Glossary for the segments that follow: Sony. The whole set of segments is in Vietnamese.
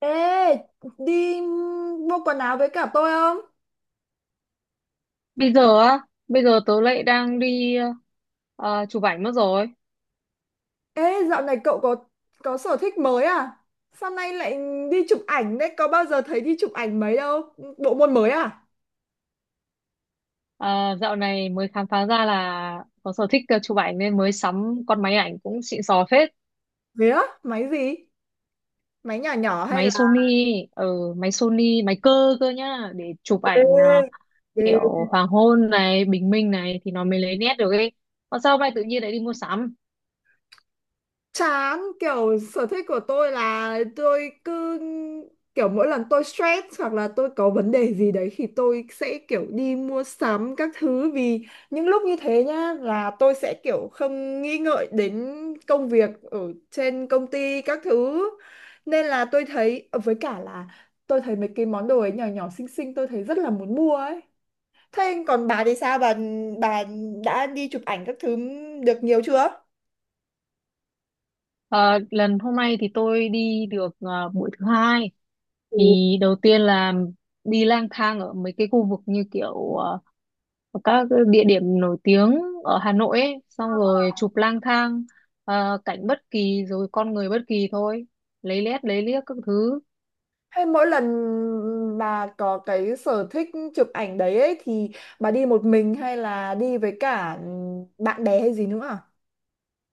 Ê, đi mua quần áo với cả tôi không? Bây giờ á, bây giờ tớ lại đang đi chụp ảnh mất rồi. Ê, dạo này cậu có sở thích mới à? Sao nay lại đi chụp ảnh đấy? Có bao giờ thấy đi chụp ảnh mấy đâu? Bộ môn mới à? À, dạo này mới khám phá ra là có sở thích chụp ảnh nên mới sắm con máy ảnh cũng xịn sò phết. Thế á? Máy gì? Máy nhỏ nhỏ hay là Máy Sony, ở máy Sony, máy cơ cơ nhá, để chụp Ghê, ảnh ghê. kiểu hoàng hôn này, bình minh này thì nó mới lấy nét được ấy. Còn sao hôm nay tự nhiên lại đi mua sắm? Chán, kiểu sở thích của tôi là tôi cứ kiểu, mỗi lần tôi stress hoặc là tôi có vấn đề gì đấy thì tôi sẽ kiểu đi mua sắm các thứ, vì những lúc như thế nhá là tôi sẽ kiểu không nghĩ ngợi đến công việc ở trên công ty các thứ, nên là tôi thấy với cả là tôi thấy mấy cái món đồ ấy nhỏ nhỏ xinh xinh, tôi thấy rất là muốn mua ấy. Thế còn bà thì sao, bà bà đã đi chụp ảnh các thứ được nhiều chưa? Ờ, lần hôm nay thì tôi đi được buổi thứ hai. Ừ. Thì đầu tiên là đi lang thang ở mấy cái khu vực như kiểu ở các cái địa điểm nổi tiếng ở Hà Nội ấy, xong rồi chụp lang thang cảnh bất kỳ rồi con người bất kỳ thôi, lấy lét lấy liếc các thứ, Hay mỗi lần bà có cái sở thích chụp ảnh đấy ấy, thì bà đi một mình hay là đi với cả bạn bè hay gì nữa à?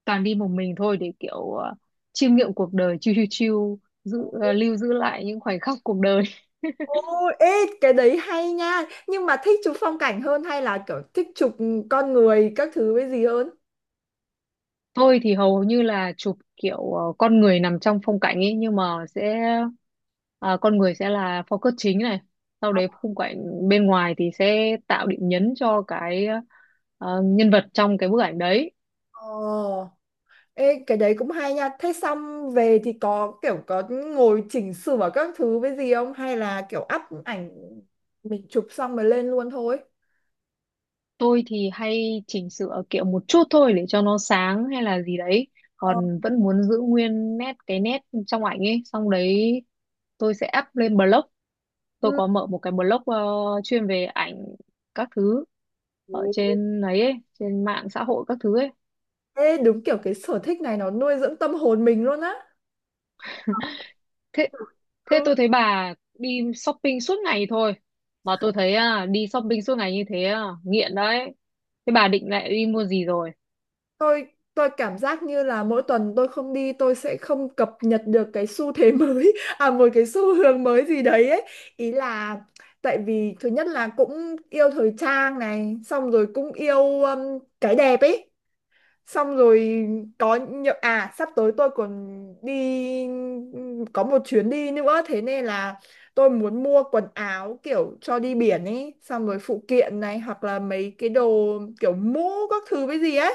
toàn đi một mình thôi để kiểu chiêm nghiệm cuộc đời, chiêu chiêu chiêu giữ, ờ, lưu giữ lại những khoảnh khắc cuộc đời. Ồ, ê, cái đấy hay nha. Nhưng mà thích chụp phong cảnh hơn hay là kiểu thích chụp con người các thứ với gì hơn? Tôi thì hầu như là chụp kiểu con người nằm trong phong cảnh ấy, nhưng mà sẽ ờ, con người sẽ là focus chính này, sau đấy khung cảnh bên ngoài thì sẽ tạo điểm nhấn cho cái nhân vật trong cái bức ảnh đấy. Ồ, ê, cái đấy cũng hay nha. Thế xong về thì có kiểu có ngồi chỉnh sửa các thứ với gì không? Hay là kiểu up ảnh mình chụp xong rồi lên luôn thôi? Tôi thì hay chỉnh sửa kiểu một chút thôi để cho nó sáng hay là gì đấy. Ờ. Còn vẫn muốn giữ nguyên cái nét trong ảnh ấy. Xong đấy tôi sẽ up lên blog. Tôi có mở một cái blog chuyên về ảnh các thứ ở Ừ. trên ấy, trên mạng xã hội các thứ ấy. Ê, đúng kiểu cái sở thích này nó nuôi dưỡng tâm hồn mình luôn á. Thế Ừ, thế tôi thấy bà đi shopping suốt ngày thôi. Mà tôi thấy đi shopping suốt ngày như thế à, nghiện đấy. Thế bà định lại đi mua gì rồi? tôi tôi cảm giác như là mỗi tuần tôi không đi tôi sẽ không cập nhật được cái xu thế mới à, một cái xu hướng mới gì đấy ấy. Ý là tại vì thứ nhất là cũng yêu thời trang này, xong rồi cũng yêu cái đẹp ấy. Xong rồi có nhiều, à sắp tới tôi còn đi, có một chuyến đi nữa, thế nên là tôi muốn mua quần áo kiểu cho đi biển ấy, xong rồi phụ kiện này hoặc là mấy cái đồ kiểu mũ các thứ với gì ấy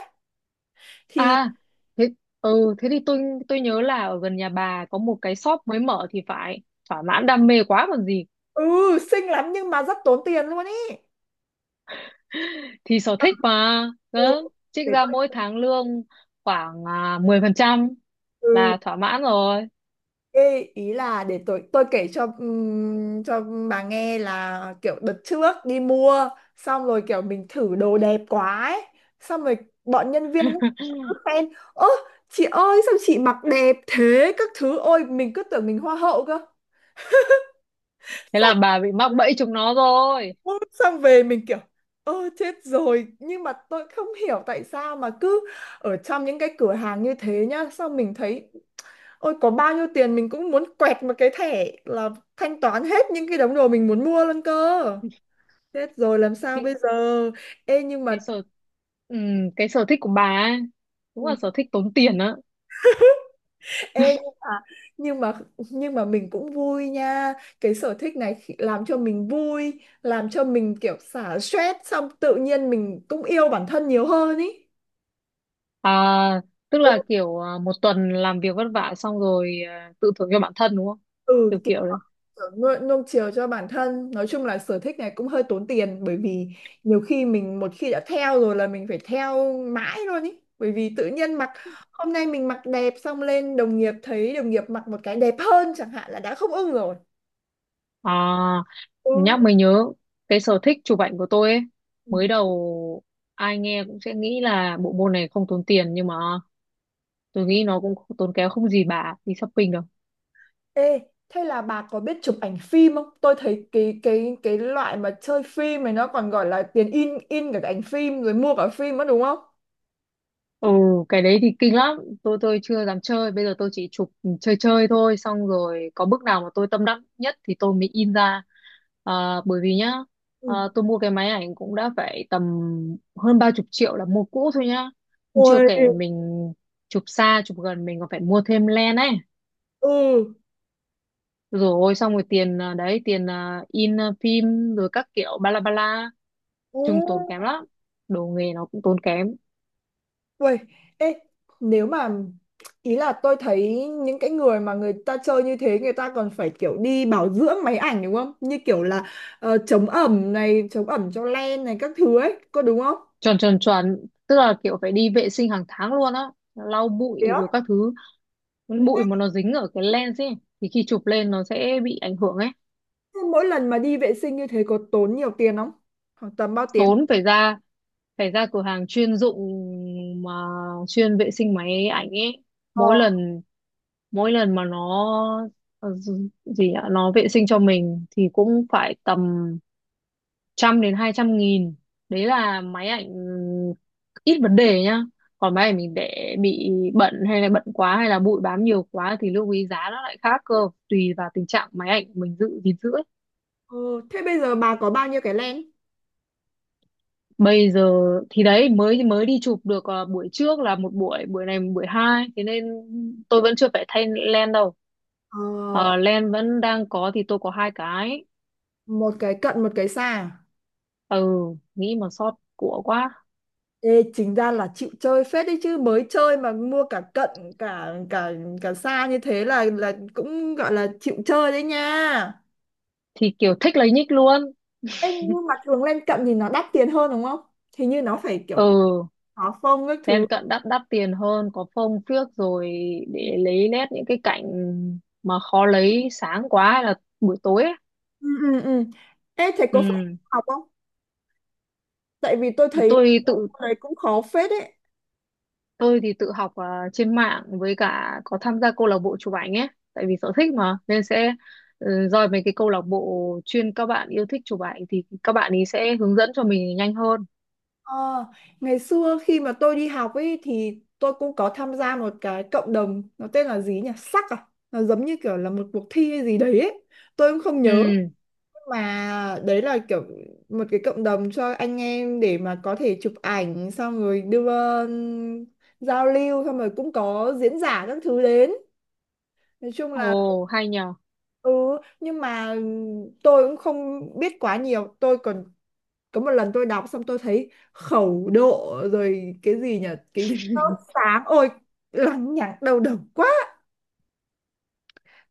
thì. À, thế, thế thì tôi nhớ là ở gần nhà bà có một cái shop mới mở thì phải, thỏa mãn đam mê quá còn gì. Ừ, xinh lắm nhưng mà rất tốn tiền luôn ấy. Thì sở thích mà, Ừ, đó, trích để ra tôi. mỗi tháng lương khoảng 10% Ừ. là thỏa mãn rồi. Ê, ý là để tôi kể cho bà nghe là kiểu đợt trước đi mua xong rồi kiểu mình thử đồ đẹp quá ấy. Xong rồi bọn nhân viên cứ khen, ơ chị ơi sao chị mặc đẹp thế các thứ, ôi mình cứ tưởng mình hoa hậu cơ. Thế là bà bị mắc bẫy chúng nó rồi. Ôi, xong về mình kiểu ơ chết rồi, nhưng mà tôi không hiểu tại sao mà cứ ở trong những cái cửa hàng như thế nhá, xong mình thấy ôi, có bao nhiêu tiền mình cũng muốn quẹt một cái thẻ là thanh toán hết những cái đống đồ mình muốn mua luôn cơ. Chết rồi làm sao cái, bây giờ? Ê nhưng cái mà, sở ừ, cái sở thích của bà ấy, đúng là ừ, sở thích tốn tiền á. ê nhưng mà nhưng mà mình cũng vui nha. Cái sở thích này làm cho mình vui, làm cho mình kiểu xả stress, xong tự nhiên mình cũng yêu bản thân nhiều hơn ý. à, Tức Ừ, là kiểu một tuần làm việc vất vả, xong rồi tự thưởng cho bản thân đúng không, kiểu ừ, kiểu đấy. nuông chiều cho bản thân, nói chung là sở thích này cũng hơi tốn tiền, bởi vì nhiều khi mình một khi đã theo rồi là mình phải theo mãi luôn ý, bởi vì tự nhiên mặc hôm nay mình mặc đẹp xong lên đồng nghiệp thấy đồng nghiệp mặc một cái đẹp hơn chẳng hạn là đã không ưng rồi. À, Ừ. nhắc mới nhớ cái sở thích chụp ảnh của tôi ấy, Ừ. mới đầu ai nghe cũng sẽ nghĩ là bộ môn này không tốn tiền, nhưng mà tôi nghĩ nó cũng tốn kém không gì bà đi shopping được. Ê, thế là bà có biết chụp ảnh phim không? Tôi thấy cái loại mà chơi phim này nó còn gọi là tiền in in cả cái ảnh phim rồi mua cả phim nữa đúng không? Ừ, cái đấy thì kinh lắm. Tôi chưa dám chơi. Bây giờ tôi chỉ chụp chơi chơi thôi. Xong rồi có bước nào mà tôi tâm đắc nhất thì tôi mới in ra. À, bởi vì nhá, Ừ. tôi mua cái máy ảnh cũng đã phải tầm hơn 30 triệu là mua cũ thôi nhá. Nhưng chưa Ôi, kể mình chụp xa, chụp gần mình còn phải mua thêm lens ấy. ừ, Rồi xong rồi tiền đấy, tiền in phim rồi các kiểu ba la ba la. ừ. Chung tốn kém lắm. Đồ nghề nó cũng tốn kém. Uầy, ê, nếu mà ý là tôi thấy những cái người mà người ta chơi như thế người ta còn phải kiểu đi bảo dưỡng máy ảnh đúng không? Như kiểu là chống ẩm này, chống ẩm cho len này các thứ ấy, có đúng không? Chuẩn chuẩn chuẩn, tức là kiểu phải đi vệ sinh hàng tháng luôn á, lau bụi Thế á? rồi các thứ. Bụi mà nó dính ở cái lens ấy thì khi chụp lên nó sẽ bị ảnh hưởng ấy. Thế mỗi lần mà đi vệ sinh như thế có tốn nhiều tiền không? Khoảng tầm bao tiền? Tốn, phải ra cửa hàng chuyên dụng mà chuyên vệ sinh máy ảnh ấy. Ờ. Mỗi lần mỗi lần mà nó gì nhỉ? Nó vệ sinh cho mình thì cũng phải tầm trăm đến 200.000. Đấy là máy ảnh ít vấn đề nhá, còn máy ảnh mình để bị bẩn hay là bẩn quá hay là bụi bám nhiều quá thì lưu ý giá nó lại khác cơ, tùy vào tình trạng máy ảnh mình giữ gìn giữ ấy. Ừ, thế bây giờ bà có bao nhiêu cái len? Bây giờ thì đấy mới mới đi chụp được buổi trước là một buổi, buổi này buổi hai, thế nên tôi vẫn chưa phải thay len đâu. Ờ, Ờ, lens vẫn đang có thì tôi có hai cái. một cái cận một cái xa, à? Ừ, nghĩ mà sót của quá. Ê, chính ra là chịu chơi phết đấy chứ, mới chơi mà mua cả cận cả cả cả xa như thế là cũng gọi là chịu chơi đấy nha. Thì kiểu thích lấy nhích luôn. Ê, nhưng mà thường lên cận thì nó đắt tiền hơn đúng không? Thì như nó phải kiểu Ừ. khó phông các thứ. Lên cận đắt đắt tiền hơn, có phông phiếc rồi, để lấy nét những cái cảnh mà khó lấy sáng quá hay là buổi tối ấy. Ừ, ừ, ừ. Ê, thầy có phải Ừ. học không? Tại vì tôi thấy Tôi tự cái đấy cũng khó phết đấy. tôi thì tự học trên mạng, với cả có tham gia câu lạc bộ chụp ảnh ấy, tại vì sở thích mà nên sẽ roi mấy cái câu lạc bộ chuyên các bạn yêu thích chụp ảnh thì các bạn ấy sẽ hướng dẫn cho mình nhanh hơn. Ờ, ngày xưa khi mà tôi đi học ấy thì tôi cũng có tham gia một cái cộng đồng, nó tên là gì nhỉ? Sắc à? Nó giống như kiểu là một cuộc thi hay gì đấy ấy. Tôi cũng không nhớ. Ừ. Mà đấy là kiểu một cái cộng đồng cho anh em để mà có thể chụp ảnh xong rồi đưa, um, giao lưu, xong rồi cũng có diễn giả các thứ đến, nói chung là. Ồ hay nhờ. Ừ, nhưng mà tôi cũng không biết quá nhiều, tôi còn có một lần tôi đọc xong tôi thấy khẩu độ rồi cái gì nhỉ, cái sốt sáng, ôi lằng nhằng đầu độc quá,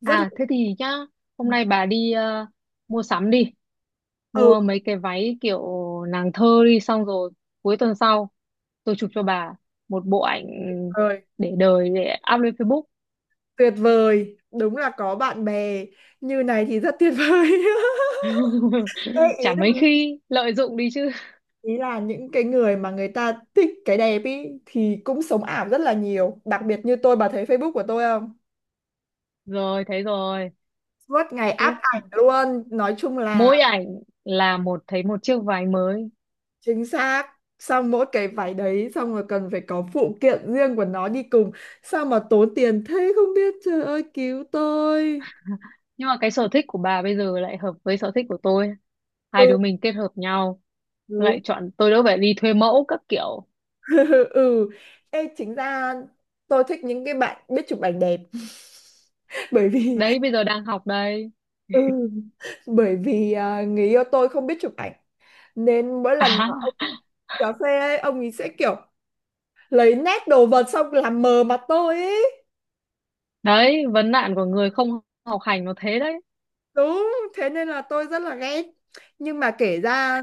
rất là. À thế thì nhá, hôm nay bà đi mua sắm đi, Ừ, mua mấy cái váy kiểu nàng thơ đi, xong rồi cuối tuần sau tôi chụp cho bà một bộ ảnh rồi. để đời, để up lên Facebook. Tuyệt vời, đúng là có bạn bè như này thì rất tuyệt vời. Ê, ý Chả mấy là khi lợi dụng đi chứ. Những cái người mà người ta thích cái đẹp ý thì cũng sống ảo rất là nhiều, đặc biệt như tôi, bà thấy Facebook của tôi không? Rồi, thấy rồi. Suốt ngày áp Tiếp ảnh luôn, nói chung là. mỗi ảnh là một, thấy một chiếc váy mới. Chính xác. Xong mỗi cái váy đấy xong rồi cần phải có phụ kiện riêng của nó đi cùng. Sao mà tốn tiền thế không biết, trời ơi cứu tôi. Nhưng mà cái sở thích của bà bây giờ lại hợp với sở thích của tôi, hai Ừ, đứa mình kết hợp nhau, đúng. lại chọn tôi đỡ phải đi thuê mẫu các kiểu, Ừ. Ê, chính ra tôi thích những cái bạn biết chụp ảnh đẹp bởi vì đấy bây giờ đang học đây. ừ, bởi vì à, người yêu tôi không biết chụp ảnh, nên mỗi lần à mà ông cà phê ấy, ông ấy sẽ kiểu lấy nét đồ vật xong làm mờ mặt tôi ấy. Đấy, vấn nạn của người không học hành nó thế đấy. Đúng, thế nên là tôi rất là ghét. Nhưng mà kể ra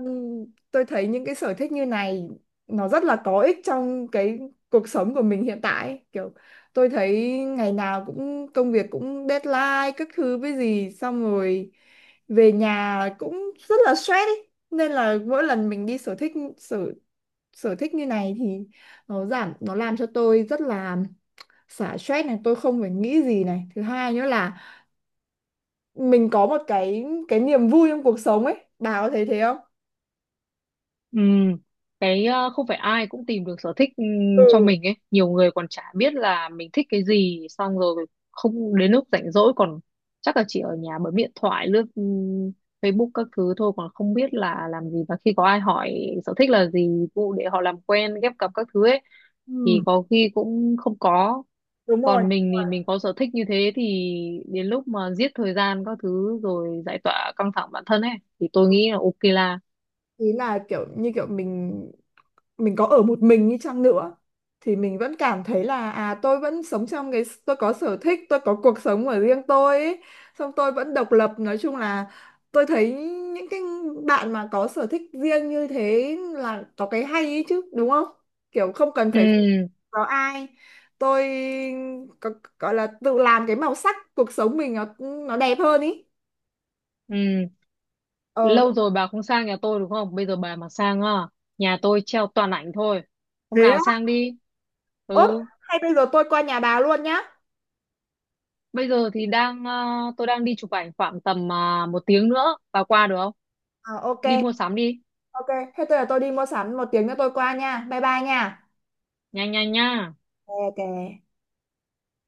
tôi thấy những cái sở thích như này nó rất là có ích trong cái cuộc sống của mình hiện tại ấy. Kiểu tôi thấy ngày nào cũng công việc, cũng deadline các thứ với gì, xong rồi về nhà cũng rất là stress ấy. Nên là mỗi lần mình đi sở thích, sở sở thích như này thì nó giảm, nó làm cho tôi rất là xả stress này, tôi không phải nghĩ gì này. Thứ hai nữa là mình có một cái niềm vui trong cuộc sống ấy, bà có thấy thế không? Ừ, cái không phải ai cũng tìm được sở thích Ừ. cho mình ấy. Nhiều người còn chả biết là mình thích cái gì, xong rồi không đến lúc rảnh rỗi còn chắc là chỉ ở nhà bấm điện thoại, lướt Facebook các thứ thôi, còn không biết là làm gì. Và khi có ai hỏi sở thích là gì, vụ để họ làm quen, ghép cặp các thứ ấy, thì Ừ, có khi cũng không có. đúng rồi. Còn mình thì mình có sở thích như thế thì đến lúc mà giết thời gian các thứ rồi giải tỏa căng thẳng bản thân ấy, thì tôi nghĩ là ok là. Ý là kiểu như kiểu mình có ở một mình đi chăng nữa thì mình vẫn cảm thấy là à tôi vẫn sống trong cái tôi có sở thích, tôi có cuộc sống của riêng tôi ấy. Xong tôi vẫn độc lập, nói chung là tôi thấy những cái bạn mà có sở thích riêng như thế là có cái hay ấy chứ đúng không, kiểu không cần Ừ. phải phụ, có ai, tôi có, gọi là tự làm cái màu sắc cuộc sống mình nó đẹp hơn ý. Ừ. Ờ. Lâu rồi bà không sang nhà tôi đúng không? Bây giờ bà mà sang á, nhà tôi treo toàn ảnh thôi. Hôm Thế nào á? sang đi. Ốp, Ừ, hay bây giờ tôi qua nhà bà luôn nhá? bây giờ thì tôi đang đi chụp ảnh khoảng tầm một tiếng nữa. Bà qua được không? Ờ, Đi ok, mua sắm đi. ok. Thế tôi là tôi đi mua sắm, một tiếng nữa tôi qua nha. Bye bye nha. Nhanh nhanh nha. Ok.